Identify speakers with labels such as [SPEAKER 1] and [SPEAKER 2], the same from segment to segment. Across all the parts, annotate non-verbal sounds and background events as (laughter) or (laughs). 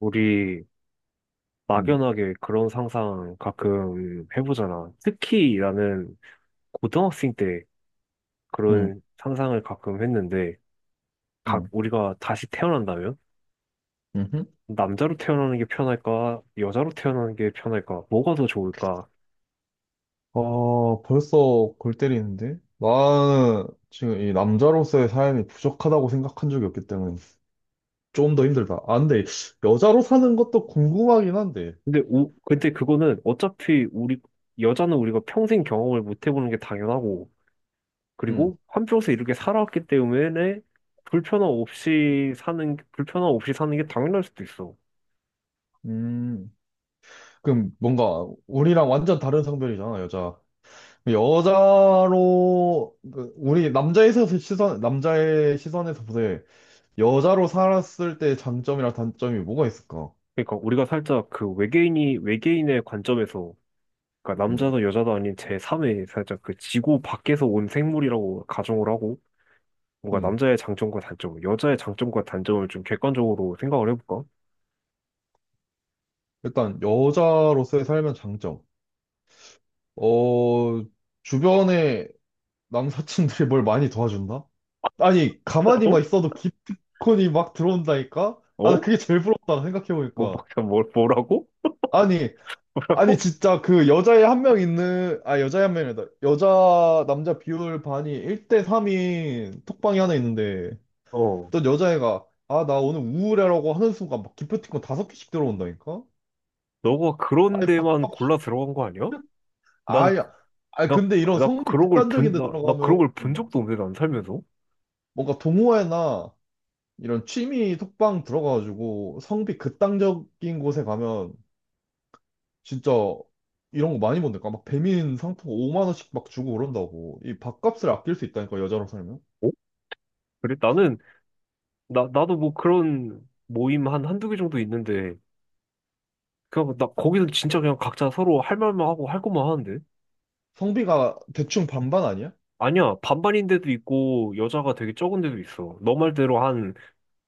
[SPEAKER 1] 우리
[SPEAKER 2] 음,
[SPEAKER 1] 막연하게 그런 상상 가끔 해보잖아. 특히 나는 고등학생 때
[SPEAKER 2] 음,
[SPEAKER 1] 그런 상상을 가끔 했는데, 각
[SPEAKER 2] 음,
[SPEAKER 1] 우리가 다시 태어난다면
[SPEAKER 2] 음흠.
[SPEAKER 1] 남자로 태어나는 게 편할까, 여자로 태어나는 게 편할까, 뭐가 더 좋을까?
[SPEAKER 2] 아, 벌써 골 때리는데? 나는 지금 이 남자로서의 삶이 부족하다고 생각한 적이 없기 때문에 좀 더 힘들다. 아, 근데 여자로 사는 것도 궁금하긴 한데.
[SPEAKER 1] 근데 그거는 어차피 우리 여자는 우리가 평생 경험을 못 해보는 게 당연하고,
[SPEAKER 2] 음,
[SPEAKER 1] 그리고 한평생 이렇게 살아왔기 때문에 불편함 없이 사는 게 당연할 수도 있어.
[SPEAKER 2] 음. 그럼 뭔가 우리랑 완전 다른 성별이잖아, 여자. 여자로, 그 우리 남자에서 시선, 남자의 시선에서 보되 여자로 살았을 때 장점이랑 단점이 뭐가 있을까?
[SPEAKER 1] 그러니까 우리가 살짝 그 외계인이 외계인의 관점에서, 그러니까
[SPEAKER 2] 음,
[SPEAKER 1] 남자도 여자도 아닌 제3의, 살짝 그 지구 밖에서 온 생물이라고 가정을 하고 뭔가
[SPEAKER 2] 음.
[SPEAKER 1] 남자의 장점과 단점, 여자의 장점과 단점을 좀 객관적으로 생각을 해볼까?
[SPEAKER 2] 일단 여자로서의 삶의 장점. 어, 주변에 남사친들이 뭘 많이 도와준다? 아니,
[SPEAKER 1] 어?
[SPEAKER 2] 가만히만 있어도 기프티콘이 막 들어온다니까? 아, 나
[SPEAKER 1] 어?
[SPEAKER 2] 그게 제일 부럽다, 생각해보니까.
[SPEAKER 1] 뭐라고?
[SPEAKER 2] 아니,
[SPEAKER 1] (laughs)
[SPEAKER 2] 아니,
[SPEAKER 1] 뭐라고?
[SPEAKER 2] 진짜 그 여자애 한 명 있는, 아, 여자애 한 명이다. 여자, 남자 비율 반이 1대 3인 톡방이 하나 있는데,
[SPEAKER 1] 어.
[SPEAKER 2] 어떤 여자애가, 아, 나 오늘 우울해라고 하는 순간 막 기프티콘 5개씩 들어온다니까?
[SPEAKER 1] 너가 그런
[SPEAKER 2] 아니,
[SPEAKER 1] 데만
[SPEAKER 2] 밥값이,
[SPEAKER 1] 골라 들어간 거 아니야? 난,
[SPEAKER 2] 아야, 아
[SPEAKER 1] 나,
[SPEAKER 2] 근데 이런
[SPEAKER 1] 나
[SPEAKER 2] 성비
[SPEAKER 1] 그런 걸
[SPEAKER 2] 극단적인
[SPEAKER 1] 본,
[SPEAKER 2] 데
[SPEAKER 1] 나, 나
[SPEAKER 2] 들어가면,
[SPEAKER 1] 그런 걸 본 적도 없는데, 난 살면서.
[SPEAKER 2] 뭔가 동호회나 이런 취미 톡방 들어가가지고 성비 극단적인 곳에 가면 진짜 이런 거 많이 본다니까. 막 배민 상품 5만 원씩 막 주고 그런다고. 이 밥값을 아낄 수 있다니까 여자로 살면.
[SPEAKER 1] 어? 그래? 나도 뭐 그런 모임 한 한두 개 정도 있는데, 그냥 나 거기서 진짜 그냥 각자 서로 할 말만 하고 할 것만 하는데?
[SPEAKER 2] 성비가 대충 반반 아니야?
[SPEAKER 1] 아니야, 반반인 데도 있고 여자가 되게 적은 데도 있어. 너 말대로 한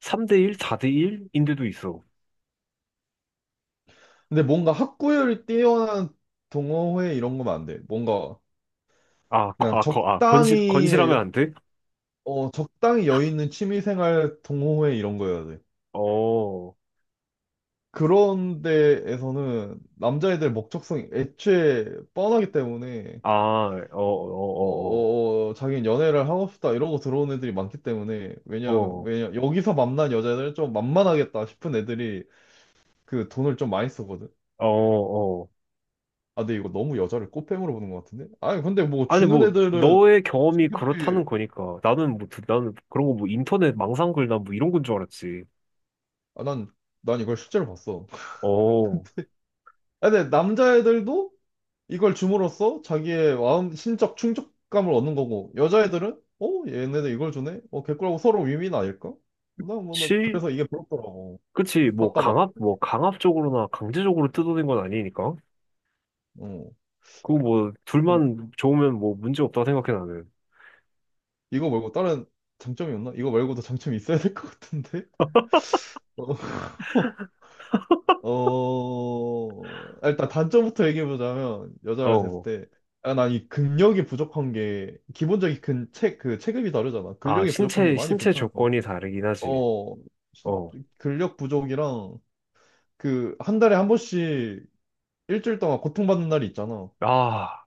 [SPEAKER 1] 3대1, 4대1인 데도 있어.
[SPEAKER 2] 근데 뭔가 학구열이 뛰어난 동호회 이런 거면 안 돼. 뭔가 그냥
[SPEAKER 1] 건실하면
[SPEAKER 2] 적당히
[SPEAKER 1] 안 돼?
[SPEAKER 2] 적당히 여유 있는 취미생활 동호회 이런 거여야 돼.
[SPEAKER 1] 어,
[SPEAKER 2] 그런 데에서는 남자애들 목적성이 애초에 뻔하기 때문에
[SPEAKER 1] 아, 어, 어, 어,
[SPEAKER 2] 자기는 연애를 하고 싶다 이러고 들어온 애들이 많기 때문에
[SPEAKER 1] 어,
[SPEAKER 2] 왜냐하면
[SPEAKER 1] 어,
[SPEAKER 2] 왜냐 여기서 만난 여자들 좀 만만하겠다 싶은 애들이 그 돈을 좀 많이 쓰거든.
[SPEAKER 1] 어, 어. 어.
[SPEAKER 2] 아, 근데 이거 너무 여자를 꽃뱀으로 보는 것 같은데? 아니 근데 뭐
[SPEAKER 1] 아니,
[SPEAKER 2] 주는
[SPEAKER 1] 뭐
[SPEAKER 2] 애들은
[SPEAKER 1] 너의 경험이
[SPEAKER 2] 자기들이
[SPEAKER 1] 그렇다는 거니까 나는 그런 거 뭐 인터넷 망상글 난뭐 이런 건 줄 알았지.
[SPEAKER 2] 아, 난, 난 이걸 실제로 봤어.
[SPEAKER 1] 어,
[SPEAKER 2] 아, 근데 남자애들도 이걸 줌으로써 자기의 마음, 심적 충족감을 얻는 거고, 여자애들은, 어, 얘네들 이걸 주네? 어, 개꿀하고 서로 윈윈 아닐까?
[SPEAKER 1] 치?
[SPEAKER 2] 그래서 이게 부럽더라고.
[SPEAKER 1] 그치,
[SPEAKER 2] 바꿔봐.
[SPEAKER 1] 뭐, 강압적으로나 강제적으로 뜯어낸 건 아니니까.
[SPEAKER 2] 어.
[SPEAKER 1] 그거 뭐
[SPEAKER 2] 그럼
[SPEAKER 1] 둘만 좋으면 뭐 문제 없다 생각해 나는.
[SPEAKER 2] 이거 말고 다른 장점이 없나? 이거 말고도 장점이 있어야 될 것 같은데? (laughs) 어, 일단 단점부터 얘기해보자면, 여자를 됐을
[SPEAKER 1] 어.
[SPEAKER 2] 때, 아, 난이 근력이 부족한 게, 기본적인 근, 체, 그 체급이 다르잖아.
[SPEAKER 1] 아,
[SPEAKER 2] 근력이 부족한 게
[SPEAKER 1] 신체
[SPEAKER 2] 많이
[SPEAKER 1] 신체
[SPEAKER 2] 불편할 것 같아.
[SPEAKER 1] 조건이 다르긴 하지.
[SPEAKER 2] 어, 진-
[SPEAKER 1] 어.
[SPEAKER 2] 근력 부족이랑 그 한 달에 한 번씩 일주일 동안 고통받는 날이 있잖아.
[SPEAKER 1] 아,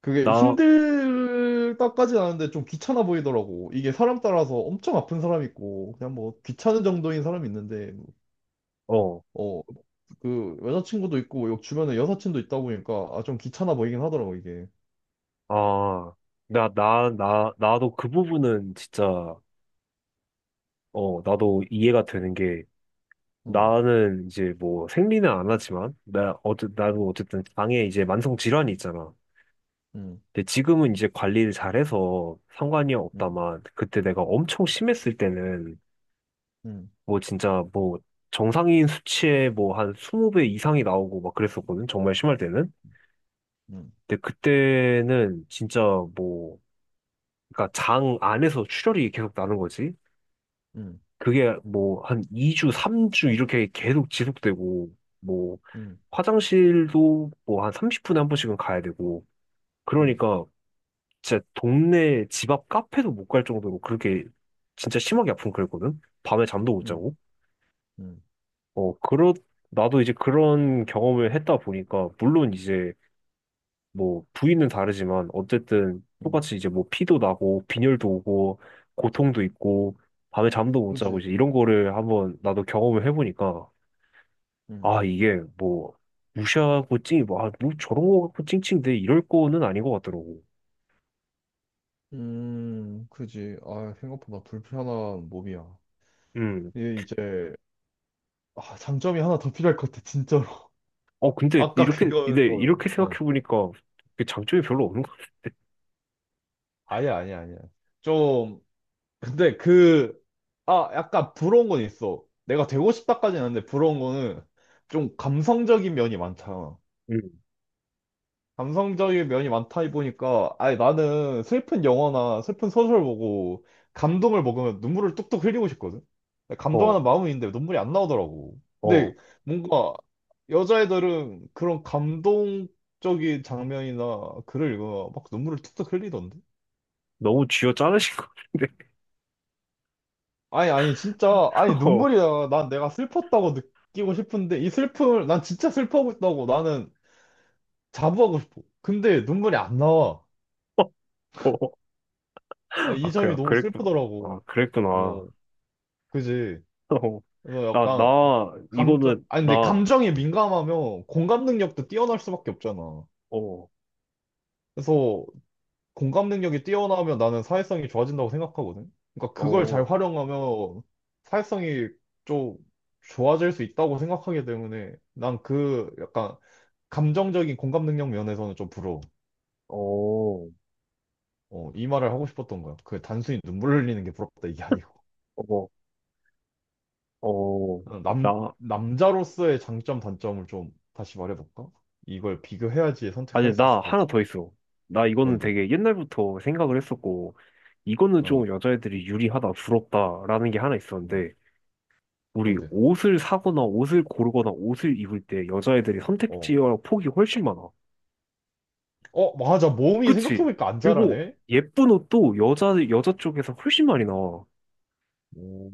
[SPEAKER 2] 그게
[SPEAKER 1] 나.
[SPEAKER 2] 힘들다까지는 아닌데 좀 귀찮아 보이더라고. 이게 사람 따라서 엄청 아픈 사람 있고 그냥 뭐 귀찮은 정도인 사람이 있는데
[SPEAKER 1] 어.
[SPEAKER 2] 어, 그 여자친구도 있고 주변에 여사친도 있다 보니까 아, 좀 귀찮아 보이긴 하더라고 이게.
[SPEAKER 1] 아, 나 나 나 나도 그 부분은 진짜, 어, 나도 이해가 되는 게,
[SPEAKER 2] 어.
[SPEAKER 1] 나는 이제 뭐 생리는 안 하지만 나 어쨌
[SPEAKER 2] 음,
[SPEAKER 1] 나도 어쨌든 장에 이제 만성 질환이 있잖아.
[SPEAKER 2] 음,
[SPEAKER 1] 근데 지금은 이제 관리를 잘해서 상관이
[SPEAKER 2] 음,
[SPEAKER 1] 없다만 그때 내가 엄청 심했을 때는 뭐 진짜 뭐 정상인 수치에 뭐 한 20배 이상이 나오고 막 그랬었거든. 정말 심할 때는.
[SPEAKER 2] 음,
[SPEAKER 1] 근데 그때는 진짜 뭐 그러니까 장 안에서 출혈이 계속 나는 거지.
[SPEAKER 2] 음,
[SPEAKER 1] 그게 뭐 한 2주, 3주 이렇게 계속 지속되고 뭐
[SPEAKER 2] 음,
[SPEAKER 1] 화장실도 뭐 한 30분에 한 번씩은 가야 되고.
[SPEAKER 2] 음,
[SPEAKER 1] 그러니까 진짜 동네 집 앞 카페도 못 갈 정도로 그렇게 진짜 심하게 아픈 그랬거든. 밤에 잠도 못
[SPEAKER 2] 음,
[SPEAKER 1] 자고.
[SPEAKER 2] 음,
[SPEAKER 1] 어, 그렇, 나도 이제 그런 경험을 했다 보니까, 물론 이제 뭐 부위는 다르지만, 어쨌든
[SPEAKER 2] 음,
[SPEAKER 1] 똑같이 이제 뭐 피도 나고, 빈혈도 오고, 고통도 있고, 밤에 잠도 못 자고,
[SPEAKER 2] 그지.
[SPEAKER 1] 이제 이런 거를 한번 나도 경험을 해보니까, 아, 이게 뭐, 무시하고 뭐, 아, 뭐 저런 거 갖고 찡찡대, 이럴 거는 아닌 것 같더라고.
[SPEAKER 2] 그지. 아, 생각보다 불편한 몸이야.
[SPEAKER 1] 음.
[SPEAKER 2] 이게 이제, 아, 장점이 하나 더 필요할 것 같아, 진짜로. (laughs)
[SPEAKER 1] 어, 근데
[SPEAKER 2] 아까
[SPEAKER 1] 이렇게,
[SPEAKER 2] 그거,
[SPEAKER 1] 근데
[SPEAKER 2] 어,
[SPEAKER 1] 이렇게
[SPEAKER 2] 어.
[SPEAKER 1] 생각해보니까, 그 장점이 별로 없는 것 같은데.
[SPEAKER 2] 아니야, 아니야, 아니야. 좀, 근데 그, 아, 약간 부러운 건 있어. 내가 되고 싶다까지는 아닌데, 부러운 거는 좀 감성적인 면이 많잖아.
[SPEAKER 1] 음.
[SPEAKER 2] 감성적인 면이 많다 보니까 아니 나는 슬픈 영화나 슬픈 소설 보고 감동을 먹으면 눈물을 뚝뚝 흘리고 싶거든.
[SPEAKER 1] 어,
[SPEAKER 2] 감동하는 마음은 있는데 눈물이 안 나오더라고.
[SPEAKER 1] 어.
[SPEAKER 2] 근데 뭔가 여자애들은 그런 감동적인 장면이나 글을 읽으면 막 눈물을 뚝뚝 흘리던데.
[SPEAKER 1] 너무 쥐어 짜르신 것 같은데.
[SPEAKER 2] 아니 아니 진짜 아니
[SPEAKER 1] (laughs)
[SPEAKER 2] 눈물이야. 난 내가 슬펐다고 느끼고 싶은데 이 슬픔을 난 진짜 슬퍼하고 있다고 나는 자부하고 싶어. 근데 눈물이 안 나와.
[SPEAKER 1] 어.
[SPEAKER 2] 아,
[SPEAKER 1] 아,
[SPEAKER 2] 이
[SPEAKER 1] 그래,
[SPEAKER 2] 점이
[SPEAKER 1] 아,
[SPEAKER 2] 너무
[SPEAKER 1] 그랬구나.
[SPEAKER 2] 슬프더라고.
[SPEAKER 1] 아, 그랬구나. (laughs) 어,
[SPEAKER 2] 어, 그지. 그래서
[SPEAKER 1] 나,
[SPEAKER 2] 약간
[SPEAKER 1] 나,
[SPEAKER 2] 감정,
[SPEAKER 1] 이거는,
[SPEAKER 2] 아니 근데
[SPEAKER 1] 나,
[SPEAKER 2] 감정이 민감하면 공감 능력도 뛰어날 수밖에 없잖아.
[SPEAKER 1] 어,
[SPEAKER 2] 그래서 공감 능력이 뛰어나면 나는 사회성이 좋아진다고 생각하거든. 그러니까 그걸 잘
[SPEAKER 1] 어,
[SPEAKER 2] 활용하면 사회성이 좀 좋아질 수 있다고 생각하기 때문에 난 그 약간 감정적인 공감 능력 면에서는 좀 부러워.
[SPEAKER 1] 어,
[SPEAKER 2] 어, 이 말을 하고 싶었던 거야. 그 단순히 눈물 흘리는 게 부럽다 이게 아니고.
[SPEAKER 1] 어, 어,
[SPEAKER 2] 어, 남,
[SPEAKER 1] 나,
[SPEAKER 2] 남자로서의 장점, 단점을 좀 다시 말해볼까? 이걸 비교해야지 선택할
[SPEAKER 1] 아니,
[SPEAKER 2] 수
[SPEAKER 1] 나
[SPEAKER 2] 있을 것
[SPEAKER 1] 하나
[SPEAKER 2] 같아.
[SPEAKER 1] 더 있어. 나 이거는
[SPEAKER 2] 뭔데?
[SPEAKER 1] 되게 옛날부터 생각을 했었고, 이거는 좀
[SPEAKER 2] 어,
[SPEAKER 1] 여자애들이 유리하다, 부럽다라는 게 하나
[SPEAKER 2] 음,
[SPEAKER 1] 있었는데, 우리
[SPEAKER 2] 뭔데?
[SPEAKER 1] 옷을 사거나 옷을 고르거나 옷을 입을 때 여자애들이
[SPEAKER 2] 어,
[SPEAKER 1] 선택지와 폭이 훨씬 많아.
[SPEAKER 2] 어, 맞아. 몸이
[SPEAKER 1] 그치?
[SPEAKER 2] 생각해보니까 안
[SPEAKER 1] 그리고
[SPEAKER 2] 자라네?
[SPEAKER 1] 예쁜 옷도 여자 쪽에서 훨씬 많이 나와.
[SPEAKER 2] 오,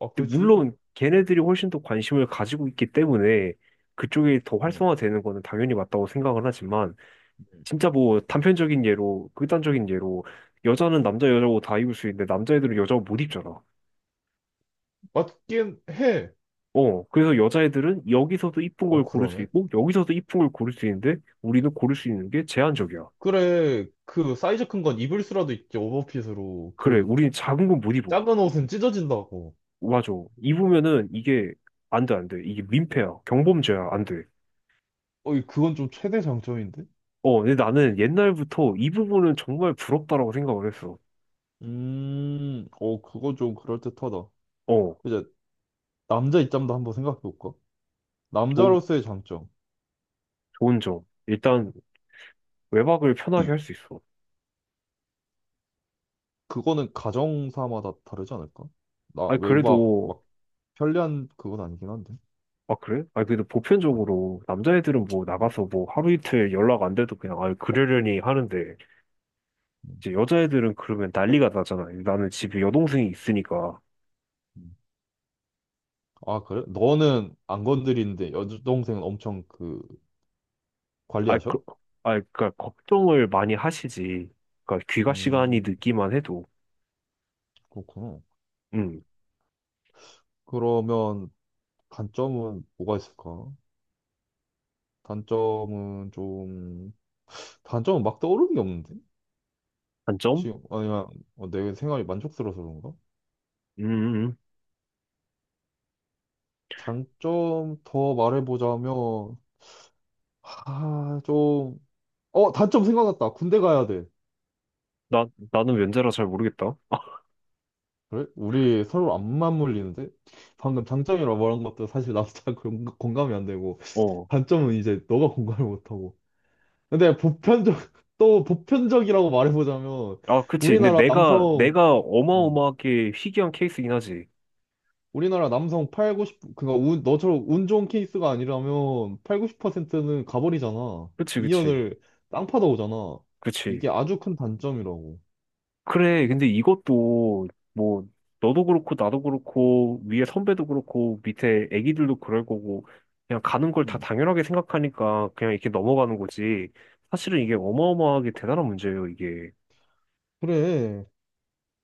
[SPEAKER 2] 아,
[SPEAKER 1] 근데
[SPEAKER 2] 그지?
[SPEAKER 1] 물론 걔네들이 훨씬 더 관심을 가지고 있기 때문에 그쪽이 더
[SPEAKER 2] 어,
[SPEAKER 1] 활성화되는 거는 당연히 맞다고 생각을 하지만,
[SPEAKER 2] 음.
[SPEAKER 1] 진짜 뭐 단편적인 예로, 극단적인 예로, 여자는 남자 여자고 다 입을 수 있는데 남자애들은 여자고 못 입잖아.
[SPEAKER 2] 맞긴 해.
[SPEAKER 1] 어, 그래서 여자애들은 여기서도 이쁜
[SPEAKER 2] 어,
[SPEAKER 1] 걸 고를 수
[SPEAKER 2] 그러네.
[SPEAKER 1] 있고 여기서도 이쁜 걸 고를 수 있는데 우리는 고를 수 있는 게 제한적이야.
[SPEAKER 2] 그래, 그 사이즈 큰 건 입을 수라도 있지, 오버핏으로.
[SPEAKER 1] 그래,
[SPEAKER 2] 그
[SPEAKER 1] 우리는 작은 건 못 입어.
[SPEAKER 2] 작은 옷은 찢어진다고.
[SPEAKER 1] 맞아. 입으면은 이게 안 돼, 안 돼. 이게 민폐야. 경범죄야. 안 돼.
[SPEAKER 2] 어, 이- 그건 좀 최대 장점인데?
[SPEAKER 1] 어, 근데 나는 옛날부터 이 부분은 정말 부럽다라고 생각을 했어.
[SPEAKER 2] 어, 그건 좀 그럴듯하다.
[SPEAKER 1] 어,
[SPEAKER 2] 이제 남자 입장도 한번 생각해볼까?
[SPEAKER 1] 좋은,
[SPEAKER 2] 남자로서의 장점.
[SPEAKER 1] 좋은 점. 일단, 외박을 편하게 할 수 있어.
[SPEAKER 2] 그거는 가정사마다 다르지 않을까? 나
[SPEAKER 1] 아,
[SPEAKER 2] 외박
[SPEAKER 1] 그래도.
[SPEAKER 2] 막 편리한 그건 아니긴 한데.
[SPEAKER 1] 아, 그래? 아, 그래도 보편적으로 남자애들은 뭐
[SPEAKER 2] 음,
[SPEAKER 1] 나가서 뭐 하루 이틀 연락 안 돼도 그냥, 아, 그러려니 하는데,
[SPEAKER 2] 음,
[SPEAKER 1] 이제 여자애들은 그러면 난리가 나잖아. 나는 집에 여동생이 있으니까.
[SPEAKER 2] 음. 아, 그래? 너는 안 건드리는데 여동생은 엄청 그
[SPEAKER 1] 아,
[SPEAKER 2] 관리하셔?
[SPEAKER 1] 그, 아, 그니까 걱정을 많이 하시지. 그니까 귀가 시간이
[SPEAKER 2] 음,
[SPEAKER 1] 늦기만 해도.
[SPEAKER 2] 그렇구나.
[SPEAKER 1] 음,
[SPEAKER 2] 그러면 단점은 뭐가 있을까? 단점은 좀 단점은 막 떠오르는 게 없는데?
[SPEAKER 1] 단점?
[SPEAKER 2] 지금 아니면 어, 내 생활이 만족스러워서 그런가?
[SPEAKER 1] 음.
[SPEAKER 2] 장점 더 말해보자면 아, 좀 어, 단점 생각났다. 군대 가야 돼.
[SPEAKER 1] 나, 나는 면제라 잘 모르겠다.
[SPEAKER 2] 그래? 우리 서로 안 맞물리는데? 방금 장점이라고 말한 것도 사실 나도 잘 (laughs) 공감이 안 되고,
[SPEAKER 1] 어.
[SPEAKER 2] 단점은 이제 너가 공감을 못하고. 근데 보편적, (laughs) 또 보편적이라고 말해보자면,
[SPEAKER 1] 아, 그치. 근데
[SPEAKER 2] 우리나라
[SPEAKER 1] 내가,
[SPEAKER 2] 남성,
[SPEAKER 1] 내가
[SPEAKER 2] 어,
[SPEAKER 1] 어마어마하게 희귀한 케이스긴 하지.
[SPEAKER 2] 우리나라 남성 팔 구십 그니까 운, 너처럼 운 좋은 케이스가 아니라면 퍼 90%는 가버리잖아.
[SPEAKER 1] 그치,
[SPEAKER 2] 이년
[SPEAKER 1] 그치,
[SPEAKER 2] 을 땅 파다 오잖아.
[SPEAKER 1] 그치.
[SPEAKER 2] 이게 아주 큰 단점이라고.
[SPEAKER 1] 그래. 근데 이것도, 뭐, 너도 그렇고, 나도 그렇고, 위에 선배도 그렇고, 밑에 애기들도 그럴 거고, 그냥 가는 걸 다
[SPEAKER 2] 응.
[SPEAKER 1] 당연하게 생각하니까 그냥 이렇게 넘어가는 거지. 사실은 이게 어마어마하게 대단한 문제예요, 이게.
[SPEAKER 2] 그래.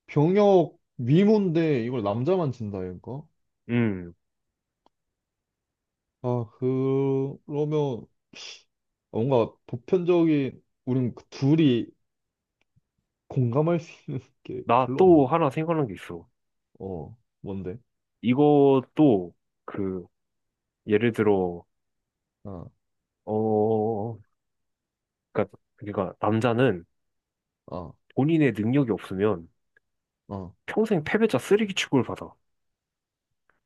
[SPEAKER 2] 병역 위문데 이걸 남자만 진다 이거?
[SPEAKER 1] 음,
[SPEAKER 2] 그러면 뭔가 보편적인 우린 그 둘이 공감할 수 있는 게
[SPEAKER 1] 나
[SPEAKER 2] 별로
[SPEAKER 1] 또
[SPEAKER 2] 없는데?
[SPEAKER 1] 하나 생각난 게 있어.
[SPEAKER 2] 어, 뭔데?
[SPEAKER 1] 이것도, 그, 예를 들어,
[SPEAKER 2] 아,
[SPEAKER 1] 어, 그니까, 그니까, 남자는
[SPEAKER 2] 아,
[SPEAKER 1] 본인의 능력이 없으면
[SPEAKER 2] 아,
[SPEAKER 1] 평생 패배자 쓰레기 취급을 받아.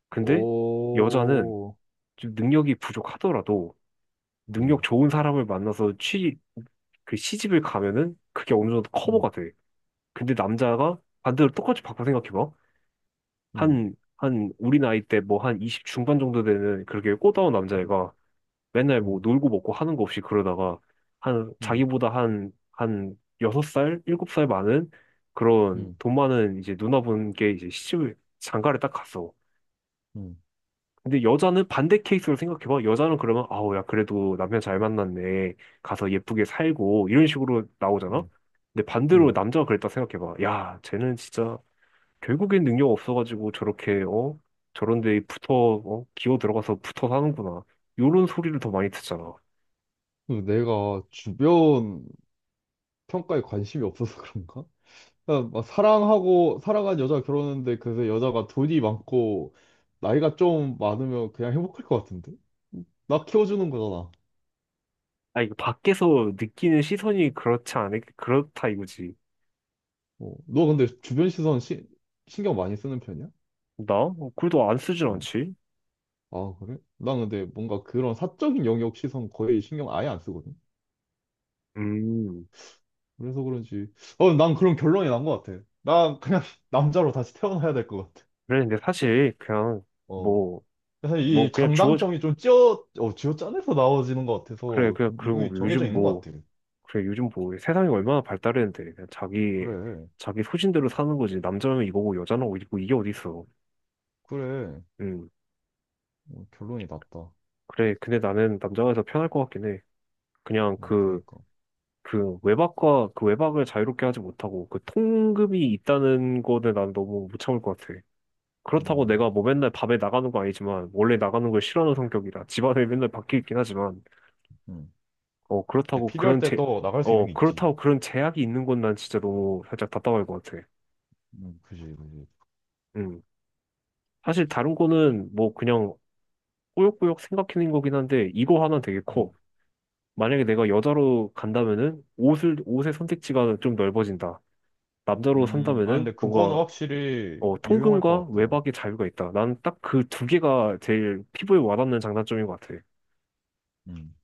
[SPEAKER 1] 근데 여자는
[SPEAKER 2] 오,
[SPEAKER 1] 좀 능력이 부족하더라도 능력
[SPEAKER 2] 음,
[SPEAKER 1] 좋은 사람을 만나서 그 시집을 가면은 그게 어느 정도
[SPEAKER 2] 음,
[SPEAKER 1] 커버가 돼. 근데 남자가 반대로 똑같이 바꿔 생각해봐.
[SPEAKER 2] 음,
[SPEAKER 1] 우리 나이 때 뭐 한 20 중반 정도 되는 그렇게 꽃다운
[SPEAKER 2] 음,
[SPEAKER 1] 남자애가 맨날 뭐
[SPEAKER 2] 음,
[SPEAKER 1] 놀고 먹고 하는 거 없이 그러다가 한,
[SPEAKER 2] 음,
[SPEAKER 1] 자기보다 한 6살, 7살 많은 그런
[SPEAKER 2] 음,
[SPEAKER 1] 돈 많은 이제 누나분께 이제 장가를 딱 갔어.
[SPEAKER 2] 음,
[SPEAKER 1] 근데 여자는 반대 케이스로 생각해봐. 여자는 그러면, 아우, 야, 그래도 남편 잘 만났네. 가서 예쁘게 살고, 이런 식으로 나오잖아?
[SPEAKER 2] 음.
[SPEAKER 1] 근데 반대로
[SPEAKER 2] 음.
[SPEAKER 1] 남자가 그랬다 생각해봐. 야, 쟤는 진짜, 결국엔 능력 없어가지고 저렇게, 어? 저런 데 붙어, 어? 기어 들어가서 붙어 사는구나. 요런 소리를 더 많이 듣잖아.
[SPEAKER 2] 그 내가 주변 평가에 관심이 없어서 (laughs) 그런가? 그러니까 막 사랑하고 사랑한 여자가 결혼했는데 그래서 여자가 돈이 많고 나이가 좀 많으면 그냥 행복할 것 같은데? 나 키워주는 거잖아.
[SPEAKER 1] 아, 이거 밖에서 느끼는 시선이 그렇다 이거지.
[SPEAKER 2] 어. 너 근데 신경 많이 쓰는 편이야?
[SPEAKER 1] 나? 어, 글도 안 쓰진
[SPEAKER 2] 어.
[SPEAKER 1] 않지?
[SPEAKER 2] 아 그래? 난 근데 뭔가 그런 사적인 영역 시선 거의 신경 아예 안 쓰거든.
[SPEAKER 1] 음.
[SPEAKER 2] 그래서 그런지 어 난 그런 결론이 난 것 같아. 난 그냥 (laughs) 남자로 다시 태어나야 될 것 같아.
[SPEAKER 1] 그래, 근데 사실, 그냥,
[SPEAKER 2] 어.
[SPEAKER 1] 뭐,
[SPEAKER 2] 그래서 이
[SPEAKER 1] 그냥
[SPEAKER 2] 장단점이 좀 쥐어짜내서 나와지는 것
[SPEAKER 1] 그래,
[SPEAKER 2] 같아서
[SPEAKER 1] 그냥,
[SPEAKER 2] 그
[SPEAKER 1] 그리고
[SPEAKER 2] 이거 정해져
[SPEAKER 1] 요즘
[SPEAKER 2] 있는 것
[SPEAKER 1] 뭐,
[SPEAKER 2] 같아.
[SPEAKER 1] 그래, 요즘 뭐, 세상이 얼마나 발달했는데, 그냥 자기,
[SPEAKER 2] 그래.
[SPEAKER 1] 자기 소신대로 사는 거지. 남자면 이거고, 여자는 이거, 이게 어딨어.
[SPEAKER 2] 그래.
[SPEAKER 1] 음,
[SPEAKER 2] 어, 결론이 났다. 어,
[SPEAKER 1] 그래, 근데 나는 남자가 더 편할 것 같긴 해. 그냥 그,
[SPEAKER 2] 그니까.
[SPEAKER 1] 그 외박을 자유롭게 하지 못하고, 그 통금이 있다는 거는 난 너무 못 참을 것 같아. 그렇다고
[SPEAKER 2] 음,
[SPEAKER 1] 내가 뭐 맨날 밤에 나가는 거 아니지만, 원래 나가는 걸 싫어하는 성격이라, 집안에 맨날 밖에 있긴 하지만,
[SPEAKER 2] 음.
[SPEAKER 1] 어,
[SPEAKER 2] 근데
[SPEAKER 1] 그렇다고
[SPEAKER 2] 필요할
[SPEAKER 1] 그런
[SPEAKER 2] 때
[SPEAKER 1] 제,
[SPEAKER 2] 또 나갈 수 있는
[SPEAKER 1] 어,
[SPEAKER 2] 게 있지.
[SPEAKER 1] 그렇다고 그런 제약이 있는 건 난 진짜 너무 살짝 답답할 것 같아.
[SPEAKER 2] 그지, 그지.
[SPEAKER 1] 음. 사실 다른 거는 뭐 그냥 꾸역꾸역 생각해낸 거긴 한데 이거 하나 되게
[SPEAKER 2] 음,
[SPEAKER 1] 커. 만약에 내가 여자로 간다면은 옷을 옷의 선택지가 좀 넓어진다. 남자로
[SPEAKER 2] 아,
[SPEAKER 1] 산다면은
[SPEAKER 2] 근데 그거는
[SPEAKER 1] 뭔가,
[SPEAKER 2] 확실히
[SPEAKER 1] 어,
[SPEAKER 2] 유용할
[SPEAKER 1] 통금과
[SPEAKER 2] 것 같더라.
[SPEAKER 1] 외박의 자유가 있다. 난 딱 그 두 개가 제일 피부에 와닿는 장단점인 것 같아.
[SPEAKER 2] 음.